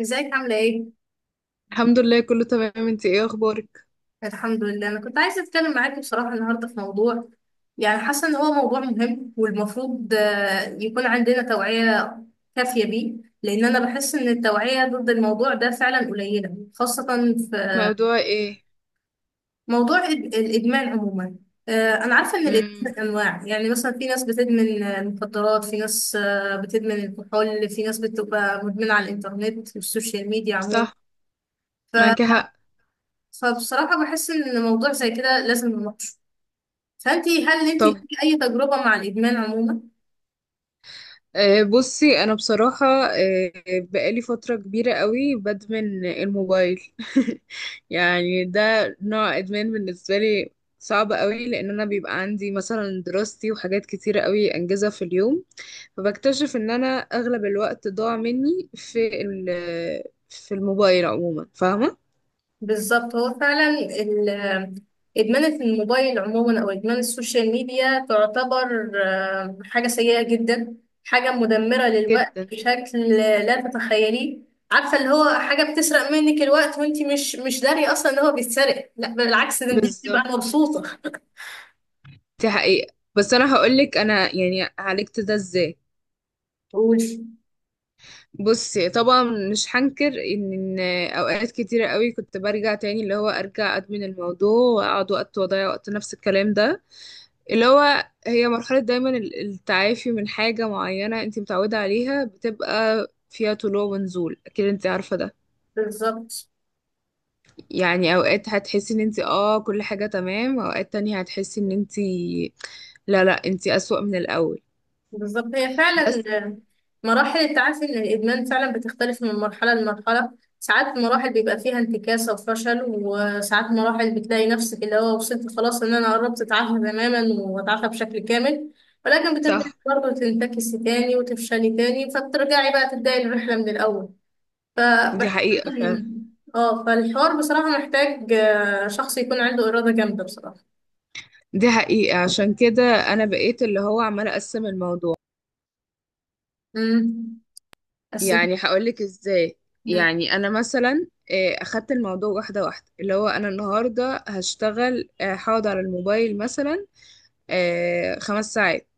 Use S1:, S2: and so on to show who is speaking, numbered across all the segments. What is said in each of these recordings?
S1: ازيك؟ عاملة ايه؟
S2: الحمد لله، كله تمام. انت ايه اخبارك؟
S1: الحمد لله. انا كنت عايزة اتكلم معاكي بصراحة النهاردة في موضوع، يعني حاسة ان هو موضوع مهم والمفروض يكون عندنا توعية كافية بيه. لان انا بحس ان التوعية ضد الموضوع ده فعلا قليلة، خاصة في
S2: موضوع ايه؟
S1: موضوع الادمان عموما. انا عارفة ان الادمان
S2: امم.
S1: انواع، يعني مثلا في ناس بتدمن المخدرات، في ناس بتدمن الكحول، في ناس بتبقى مدمنة على الانترنت والسوشيال ميديا عموما.
S2: صح. معاكي
S1: ف-
S2: حق.
S1: فبصراحة بحس ان موضوع زي كده لازم نناقشه. هل انتي
S2: طب،
S1: ليكي اي تجربة مع الادمان عموما؟
S2: بصي. انا بصراحة بقالي فترة كبيرة قوي بدمن الموبايل. يعني ده نوع ادمان بالنسبة لي، صعب قوي، لان انا بيبقى عندي مثلا دراستي وحاجات كتيرة قوي انجزها في اليوم. فبكتشف ان انا اغلب الوقت ضاع مني في في الموبايل عموما، فاهمة؟
S1: بالظبط، هو فعلا ادمان الموبايل عموما او ادمان السوشيال ميديا تعتبر حاجة سيئة جدا، حاجة مدمرة للوقت
S2: جدا.
S1: بشكل لا تتخيليه. عارفة اللي هو حاجة بتسرق منك الوقت وانتي مش دارية اصلا ان هو بيتسرق، لا، بالعكس، ده انتي بتبقى
S2: بالظبط.
S1: مبسوطة.
S2: دي حقيقة. بس انا هقولك انا يعني عالجت ده ازاي.
S1: قولي.
S2: بصي، طبعا مش هنكر إن اوقات كتيرة قوي كنت برجع تاني، اللي هو ارجع ادمن الموضوع واقعد وقت واضيع وقت، نفس الكلام ده. اللي هو هي مرحلة، دايما التعافي من حاجة معينة انت متعودة عليها بتبقى فيها طلوع ونزول، اكيد انت عارفة ده.
S1: بالظبط.
S2: يعني اوقات هتحسي ان انت اه كل حاجة تمام، اوقات تانية هتحسي ان انت لا، انت اسوأ من الاول.
S1: بالظبط، هي
S2: بس.
S1: فعلا مراحل التعافي من الإدمان فعلا بتختلف من مرحلة لمرحلة. ساعات مراحل بيبقى فيها انتكاسة وفشل، وساعات مراحل بتلاقي نفسك اللي هو وصلت خلاص، إن أنا قربت أتعافى تماما وأتعافى بشكل كامل، ولكن بترجعي
S2: صح.
S1: برضه تنتكسي تاني وتفشلي تاني، فبترجعي بقى تبدأي الرحلة من الأول.
S2: دي
S1: فبح...
S2: حقيقة فعلا.
S1: اه فالحوار بصراحة محتاج شخص يكون عنده إرادة جامدة بصراحة.
S2: دي حقيقة، عشان كده أنا بقيت اللي هو عمالة أقسم الموضوع.
S1: امم بس
S2: يعني هقولك إزاي. يعني أنا مثلا أخدت الموضوع واحدة واحدة، اللي هو أنا النهاردة هشتغل، هقعد على الموبايل مثلا 5 ساعات.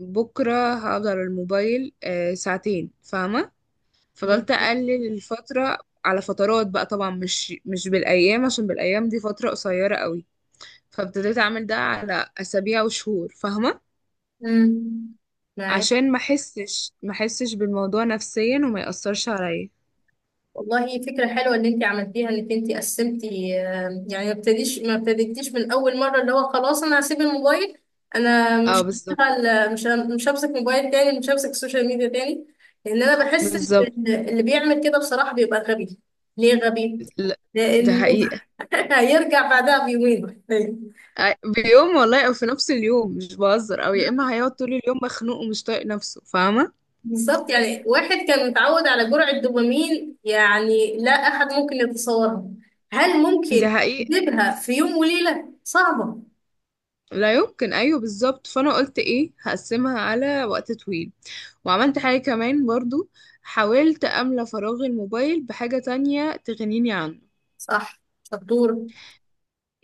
S2: بكرة هقعد على الموبايل 2 ساعة، فاهمة؟ فضلت أقلل الفترة على فترات بقى، طبعا مش بالأيام، عشان بالأيام دي فترة قصيرة قوي. فابتديت أعمل ده على أسابيع وشهور، فاهمة؟
S1: امم معاك.
S2: عشان ما احسش بالموضوع نفسيا وما يأثرش عليا.
S1: والله فكرة حلوة اللي انت عملتيها انك انت قسمتي. يعني ما ابتديتيش من اول مرة اللي هو خلاص انا هسيب الموبايل. انا
S2: اه
S1: مش
S2: بالظبط.
S1: هشتغل، مش همسك موبايل تاني، مش همسك السوشيال ميديا تاني، لان انا بحس
S2: بالظبط.
S1: ان اللي بيعمل كده بصراحة بيبقى غبي. ليه غبي؟
S2: لا، ده
S1: لانه
S2: حقيقة.
S1: هيرجع بعدها بيومين.
S2: بيوم والله، او في نفس اليوم، مش بهزر. او يا اما هيقعد طول اليوم مخنوق ومش طايق نفسه، فاهمة؟
S1: بالظبط، يعني واحد كان متعود على جرعة دوبامين يعني لا احد ممكن يتصورها. هل ممكن
S2: ده حقيقة.
S1: يجيبها في يوم وليلة؟ صعبة.
S2: لا يمكن، ايوه بالظبط. فانا قلت ايه، هقسمها على وقت طويل. وعملت حاجة كمان برضو، حاولت املى فراغ الموبايل بحاجة تانية تغنيني عنه.
S1: صح. شطورة.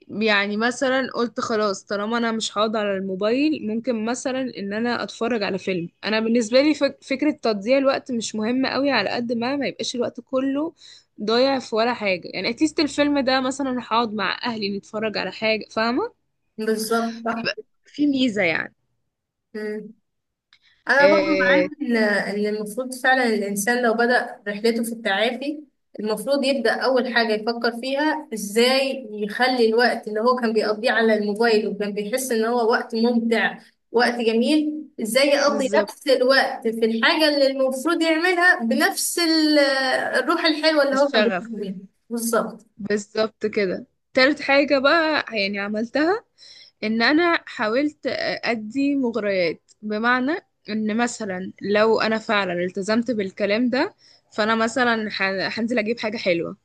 S2: يعني مثلا قلت خلاص، طالما انا مش هقعد على الموبايل ممكن مثلا ان انا اتفرج على فيلم. انا بالنسبه لي فكره تضييع الوقت مش مهمه قوي، على قد ما ما يبقاش الوقت كله ضايع في ولا حاجه. يعني اتليست الفيلم ده، مثلا هقعد مع اهلي نتفرج على حاجه، فاهمه؟
S1: بالظبط. صح.
S2: هبقى في ميزه يعني.
S1: مم. أنا برضو
S2: آه
S1: معاك، إن المفروض فعلا الإنسان لو بدأ رحلته في التعافي، المفروض يبدأ أول حاجة يفكر فيها إزاي يخلي الوقت اللي هو كان بيقضيه على الموبايل وكان بيحس إن هو وقت ممتع، وقت جميل، إزاي يقضي
S2: بالظبط.
S1: نفس الوقت في الحاجة اللي المفروض يعملها بنفس الروح الحلوة اللي هو كان
S2: الشغف.
S1: بيحبها. بالظبط.
S2: بالظبط كده. تالت حاجه بقى يعني عملتها ان انا حاولت ادي مغريات، بمعنى ان مثلا لو انا فعلا التزمت بالكلام ده فانا مثلا هنزل اجيب حاجة حلوة.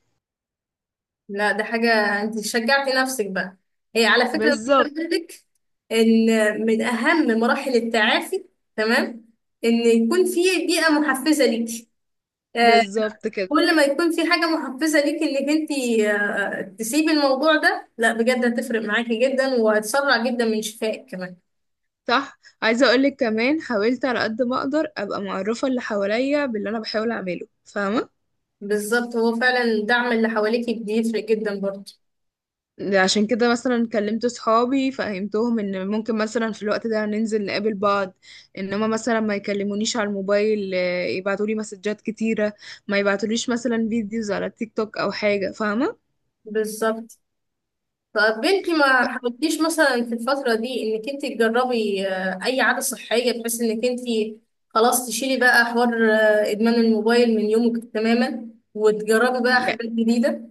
S1: لا، ده حاجة، انت شجعتي نفسك بقى. هي على فكرة انا
S2: بالظبط.
S1: عايزة اقول لك ان من اهم مراحل التعافي، تمام، ان يكون في بيئة محفزة ليكي. آه،
S2: بالظبط كده.
S1: كل ما يكون في حاجة محفزة ليكي انك انت تسيبي الموضوع ده، لا بجد هتفرق معاكي جدا وهتسرع جدا من شفائك كمان.
S2: صح. عايزة اقولك كمان حاولت على قد ما اقدر ابقى معرفة اللي حواليا باللي انا بحاول اعمله، فاهمة؟
S1: بالظبط، هو فعلا الدعم اللي حواليكي بيفرق جدا برضه.
S2: عشان كده مثلا كلمت صحابي، فهمتهم ان ممكن مثلا في الوقت ده ننزل نقابل بعض، انما مثلا ما يكلمونيش على الموبايل، يبعتوا لي مسجات كتيرة، ما يبعتوليش مثلا فيديوز على التيك توك او حاجة، فاهمة؟
S1: بالظبط. طب بنتي، ما حاولتيش مثلا في الفترة دي انك انت تجربي اي عادة صحية بحيث انك انت خلاص تشيلي بقى حوار ادمان الموبايل من يومك تماما، وتجربي بقى
S2: يع-
S1: حاجات جديدة،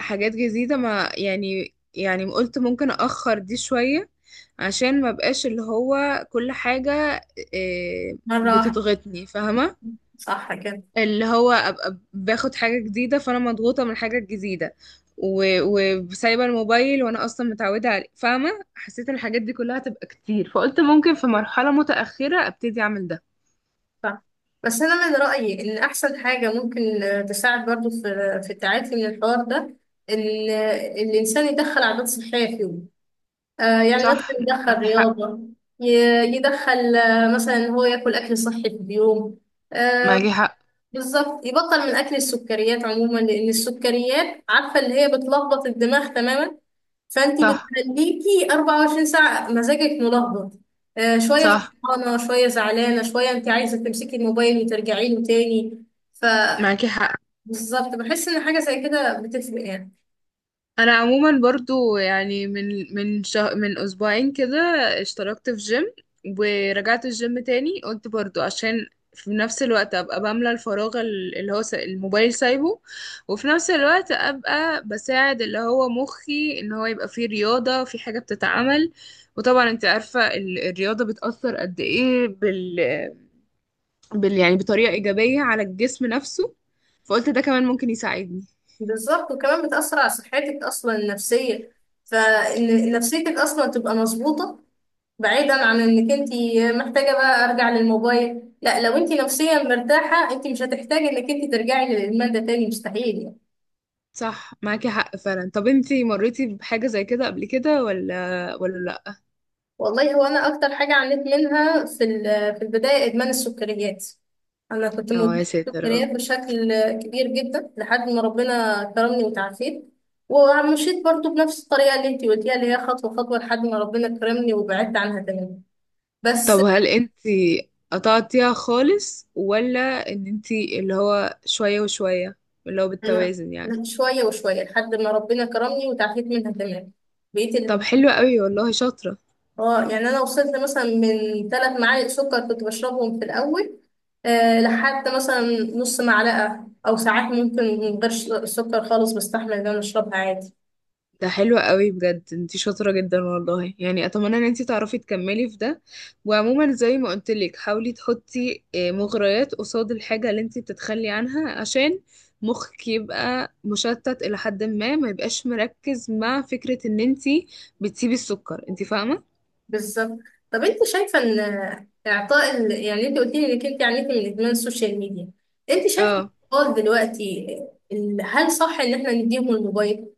S2: حاجات جديدة ما يعني، يعني قلت ممكن اخر دي شوية عشان ما بقاش اللي هو كل حاجة إيه،
S1: مرة واحدة؟
S2: بتضغطني، فاهمة؟
S1: صح كده.
S2: اللي هو ابقى باخد حاجه جديده، فانا مضغوطه من الحاجه الجديده و- وسايبه الموبايل وانا اصلا متعوده عليه، فاهمه؟ حسيت ان الحاجات دي كلها هتبقى كتير، فقلت ممكن في مرحله متاخره ابتدي اعمل ده.
S1: صح. بس انا من رأيي ان احسن حاجة ممكن تساعد برضو في في التعافي من الحوار ده، ان الانسان يدخل عادات صحية في يومه. يعني مثلا
S2: صح.
S1: يدخل
S2: معاكي حق.
S1: رياضة، يدخل مثلا إن هو ياكل اكل صحي في اليوم. آه،
S2: معاكي حق.
S1: بالظبط يبطل من اكل السكريات عموما، لان السكريات عارفه اللي هي بتلخبط الدماغ تماما. فانت
S2: صح.
S1: بتخليكي 24 ساعه مزاجك ملخبط، شويه
S2: صح.
S1: فرحانه، شويه زعلانه، شويه انت عايزه تمسكي الموبايل وترجعي له تاني. ف
S2: معاكي حق.
S1: بالظبط، بحس ان حاجه زي كده بتفرق يعني.
S2: انا عموما برضو يعني من 2 اسبوع كده اشتركت في جيم ورجعت الجيم تاني. قلت برضو عشان في نفس الوقت ابقى بملى الفراغ اللي هو الموبايل سايبه، وفي نفس الوقت ابقى بساعد اللي هو مخي ان هو يبقى فيه رياضة، في حاجة بتتعمل. وطبعا انت عارفة الرياضة بتأثر قد ايه يعني بطريقة ايجابية على الجسم نفسه. فقلت ده كمان ممكن يساعدني.
S1: بالظبط، وكمان بتاثر على صحتك اصلا النفسيه، فان نفسيتك اصلا تبقى مظبوطه، بعيدا عن انك انت محتاجه بقى ارجع للموبايل. لا، لو انت نفسيا مرتاحه انت مش هتحتاجي انك انت ترجعي للادمان ده تاني، مستحيل يعني.
S2: صح معاكي حق فعلا. طب انتي مريتي بحاجة زي كده قبل كده ولا لا؟
S1: والله، هو انا اكتر حاجه عانيت منها في في البدايه ادمان السكريات. انا كنت
S2: اه يا
S1: مدمنه
S2: ساتر يا رب.
S1: سكريات بشكل كبير جدا لحد ما ربنا كرمني وتعافيت. ومشيت برضو بنفس الطريقه اللي انت قلتيها، اللي هي خطوه خطوه، لحد ما ربنا كرمني وبعدت عنها تماما.
S2: طب
S1: بس
S2: هل انتي قطعتيها خالص، ولا ان انتي اللي هو شوية وشوية، اللي هو
S1: أنا
S2: بالتوازن يعني؟
S1: شويه وشويه لحد ما ربنا كرمني وتعافيت منها تماما. بقيت،
S2: طب حلو قوي والله، شاطرة.
S1: اه يعني انا وصلت مثلا من 3 معالق سكر كنت بشربهم في الاول، لحد مثلا نص معلقه، او ساعات ممكن من غير سكر خالص بستحمل ان انا اشربها عادي.
S2: ده حلو قوي بجد، انتي شاطرة جدا والله، يعني اتمنى ان انتي تعرفي تكملي في ده. وعموما زي ما قلتلك حاولي تحطي مغريات قصاد الحاجة اللي انتي بتتخلي عنها، عشان مخك يبقى مشتت الى حد ما، ما يبقاش مركز مع فكرة ان انتي بتسيبي السكر، انتي فاهمة؟
S1: بالظبط. طب انت شايفه ان اعطاء يعني انت قلت لي انك انت عانيتي من ادمان السوشيال ميديا، انت شايفه
S2: اه.
S1: الاطفال دلوقتي، هل صح ان احنا نديهم الموبايل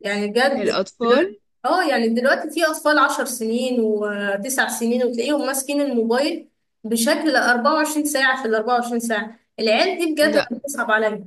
S1: يعني بجد دلوقتي؟
S2: الاطفال؟
S1: اه يعني دلوقتي في اطفال 10 سنين وتسع سنين وتلاقيهم ماسكين الموبايل بشكل 24 ساعة في ال 24 ساعة. العيال دي بجد
S2: لا
S1: أنا بتصعب عليا.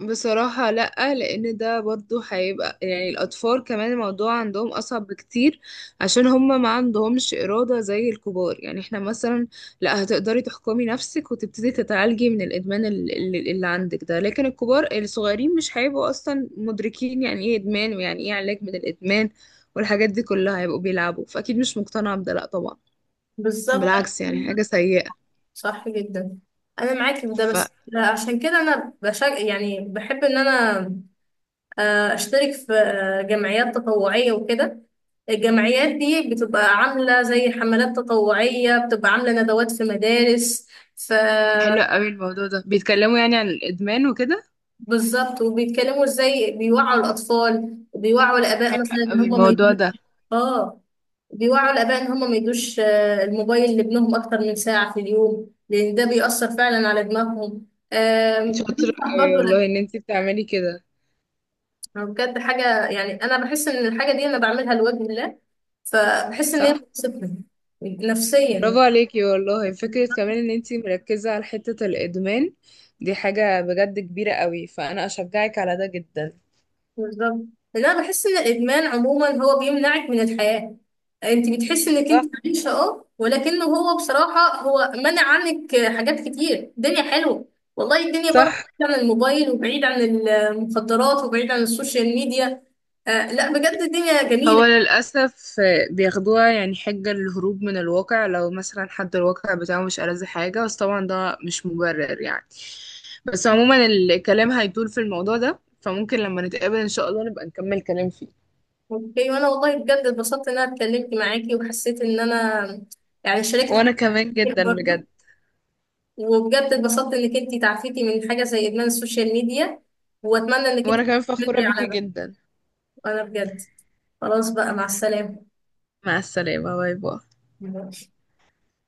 S2: بصراحة، لأ. لأن ده برضو هيبقى يعني الأطفال كمان الموضوع عندهم أصعب بكتير، عشان هما ما عندهمش إرادة زي الكبار. يعني احنا مثلا لأ، هتقدري تحكمي نفسك وتبتدي تتعالجي من الإدمان اللي عندك ده، لكن الكبار الصغيرين مش هيبقوا أصلا مدركين يعني إيه إدمان ويعني إيه علاج من الإدمان والحاجات دي كلها، هيبقوا بيلعبوا. فأكيد مش مقتنعة بده، لأ طبعا.
S1: بالظبط.
S2: بالعكس يعني، حاجة سيئة.
S1: صح جدا. انا معاكي في ده، بس
S2: فحلو
S1: عشان كده انا يعني بحب ان انا اشترك في جمعيات تطوعية وكده. الجمعيات دي بتبقى عاملة زي حملات تطوعية، بتبقى عاملة ندوات في مدارس، في
S2: قوي الموضوع ده، بيتكلموا يعني عن الادمان وكده.
S1: بالظبط، وبيتكلموا ازاي بيوعوا الاطفال وبيوعوا الاباء
S2: حلو
S1: مثلا ان
S2: قوي
S1: هم ما
S2: الموضوع
S1: يدوش.
S2: ده.
S1: اه بيوعوا الاباء ان هم ما يدوش الموبايل لابنهم اكتر من ساعه في اليوم، لان ده بيأثر فعلا على دماغهم.
S2: شاطرة
S1: بينصح
S2: قوي
S1: برضو.
S2: والله
S1: لا
S2: ان انتي بتعملي كده.
S1: بجد حاجه يعني انا بحس ان الحاجه دي انا بعملها لوجه الله، فبحس ان هي
S2: صح.
S1: بتبسطني
S2: برافو
S1: نفسيا.
S2: عليكي والله. فكرة كمان ان انتي مركزة على حتة الادمان دي حاجة بجد كبيرة قوي، فانا اشجعك على ده جدا.
S1: بالظبط، لأن انا بحس ان الادمان عموما هو بيمنعك من الحياه. انت بتحسي انك انت
S2: صح.
S1: عايشه، اه، ولكنه هو بصراحه هو منع عنك حاجات كتير. الدنيا حلوه، والله الدنيا بره،
S2: صح.
S1: بعيد عن الموبايل وبعيد عن المخدرات وبعيد عن السوشيال ميديا، لا بجد الدنيا
S2: هو
S1: جميله.
S2: للأسف بياخدوها يعني حجة للهروب من الواقع، لو مثلا حد الواقع بتاعه مش ألذ حاجة، بس طبعا ده مش مبرر يعني. بس عموما الكلام هيطول في الموضوع ده، فممكن لما نتقابل إن شاء الله نبقى نكمل كلام فيه.
S1: اوكي، وانا والله بجد اتبسطت ان انا اتكلمت معاكي، وحسيت ان انا يعني شاركت
S2: وأنا
S1: حاجات
S2: كمان
S1: كتير
S2: جدا بجد.
S1: برضه، وبجد اتبسطت انك انتي تعافيتي من حاجة زي ادمان السوشيال ميديا، واتمنى انك
S2: وأنا
S1: انتي
S2: كمان فخورة
S1: تستمري
S2: بيكي
S1: على ده.
S2: جدا.
S1: انا بجد خلاص بقى، مع السلامة.
S2: مع السلامة. باي باي.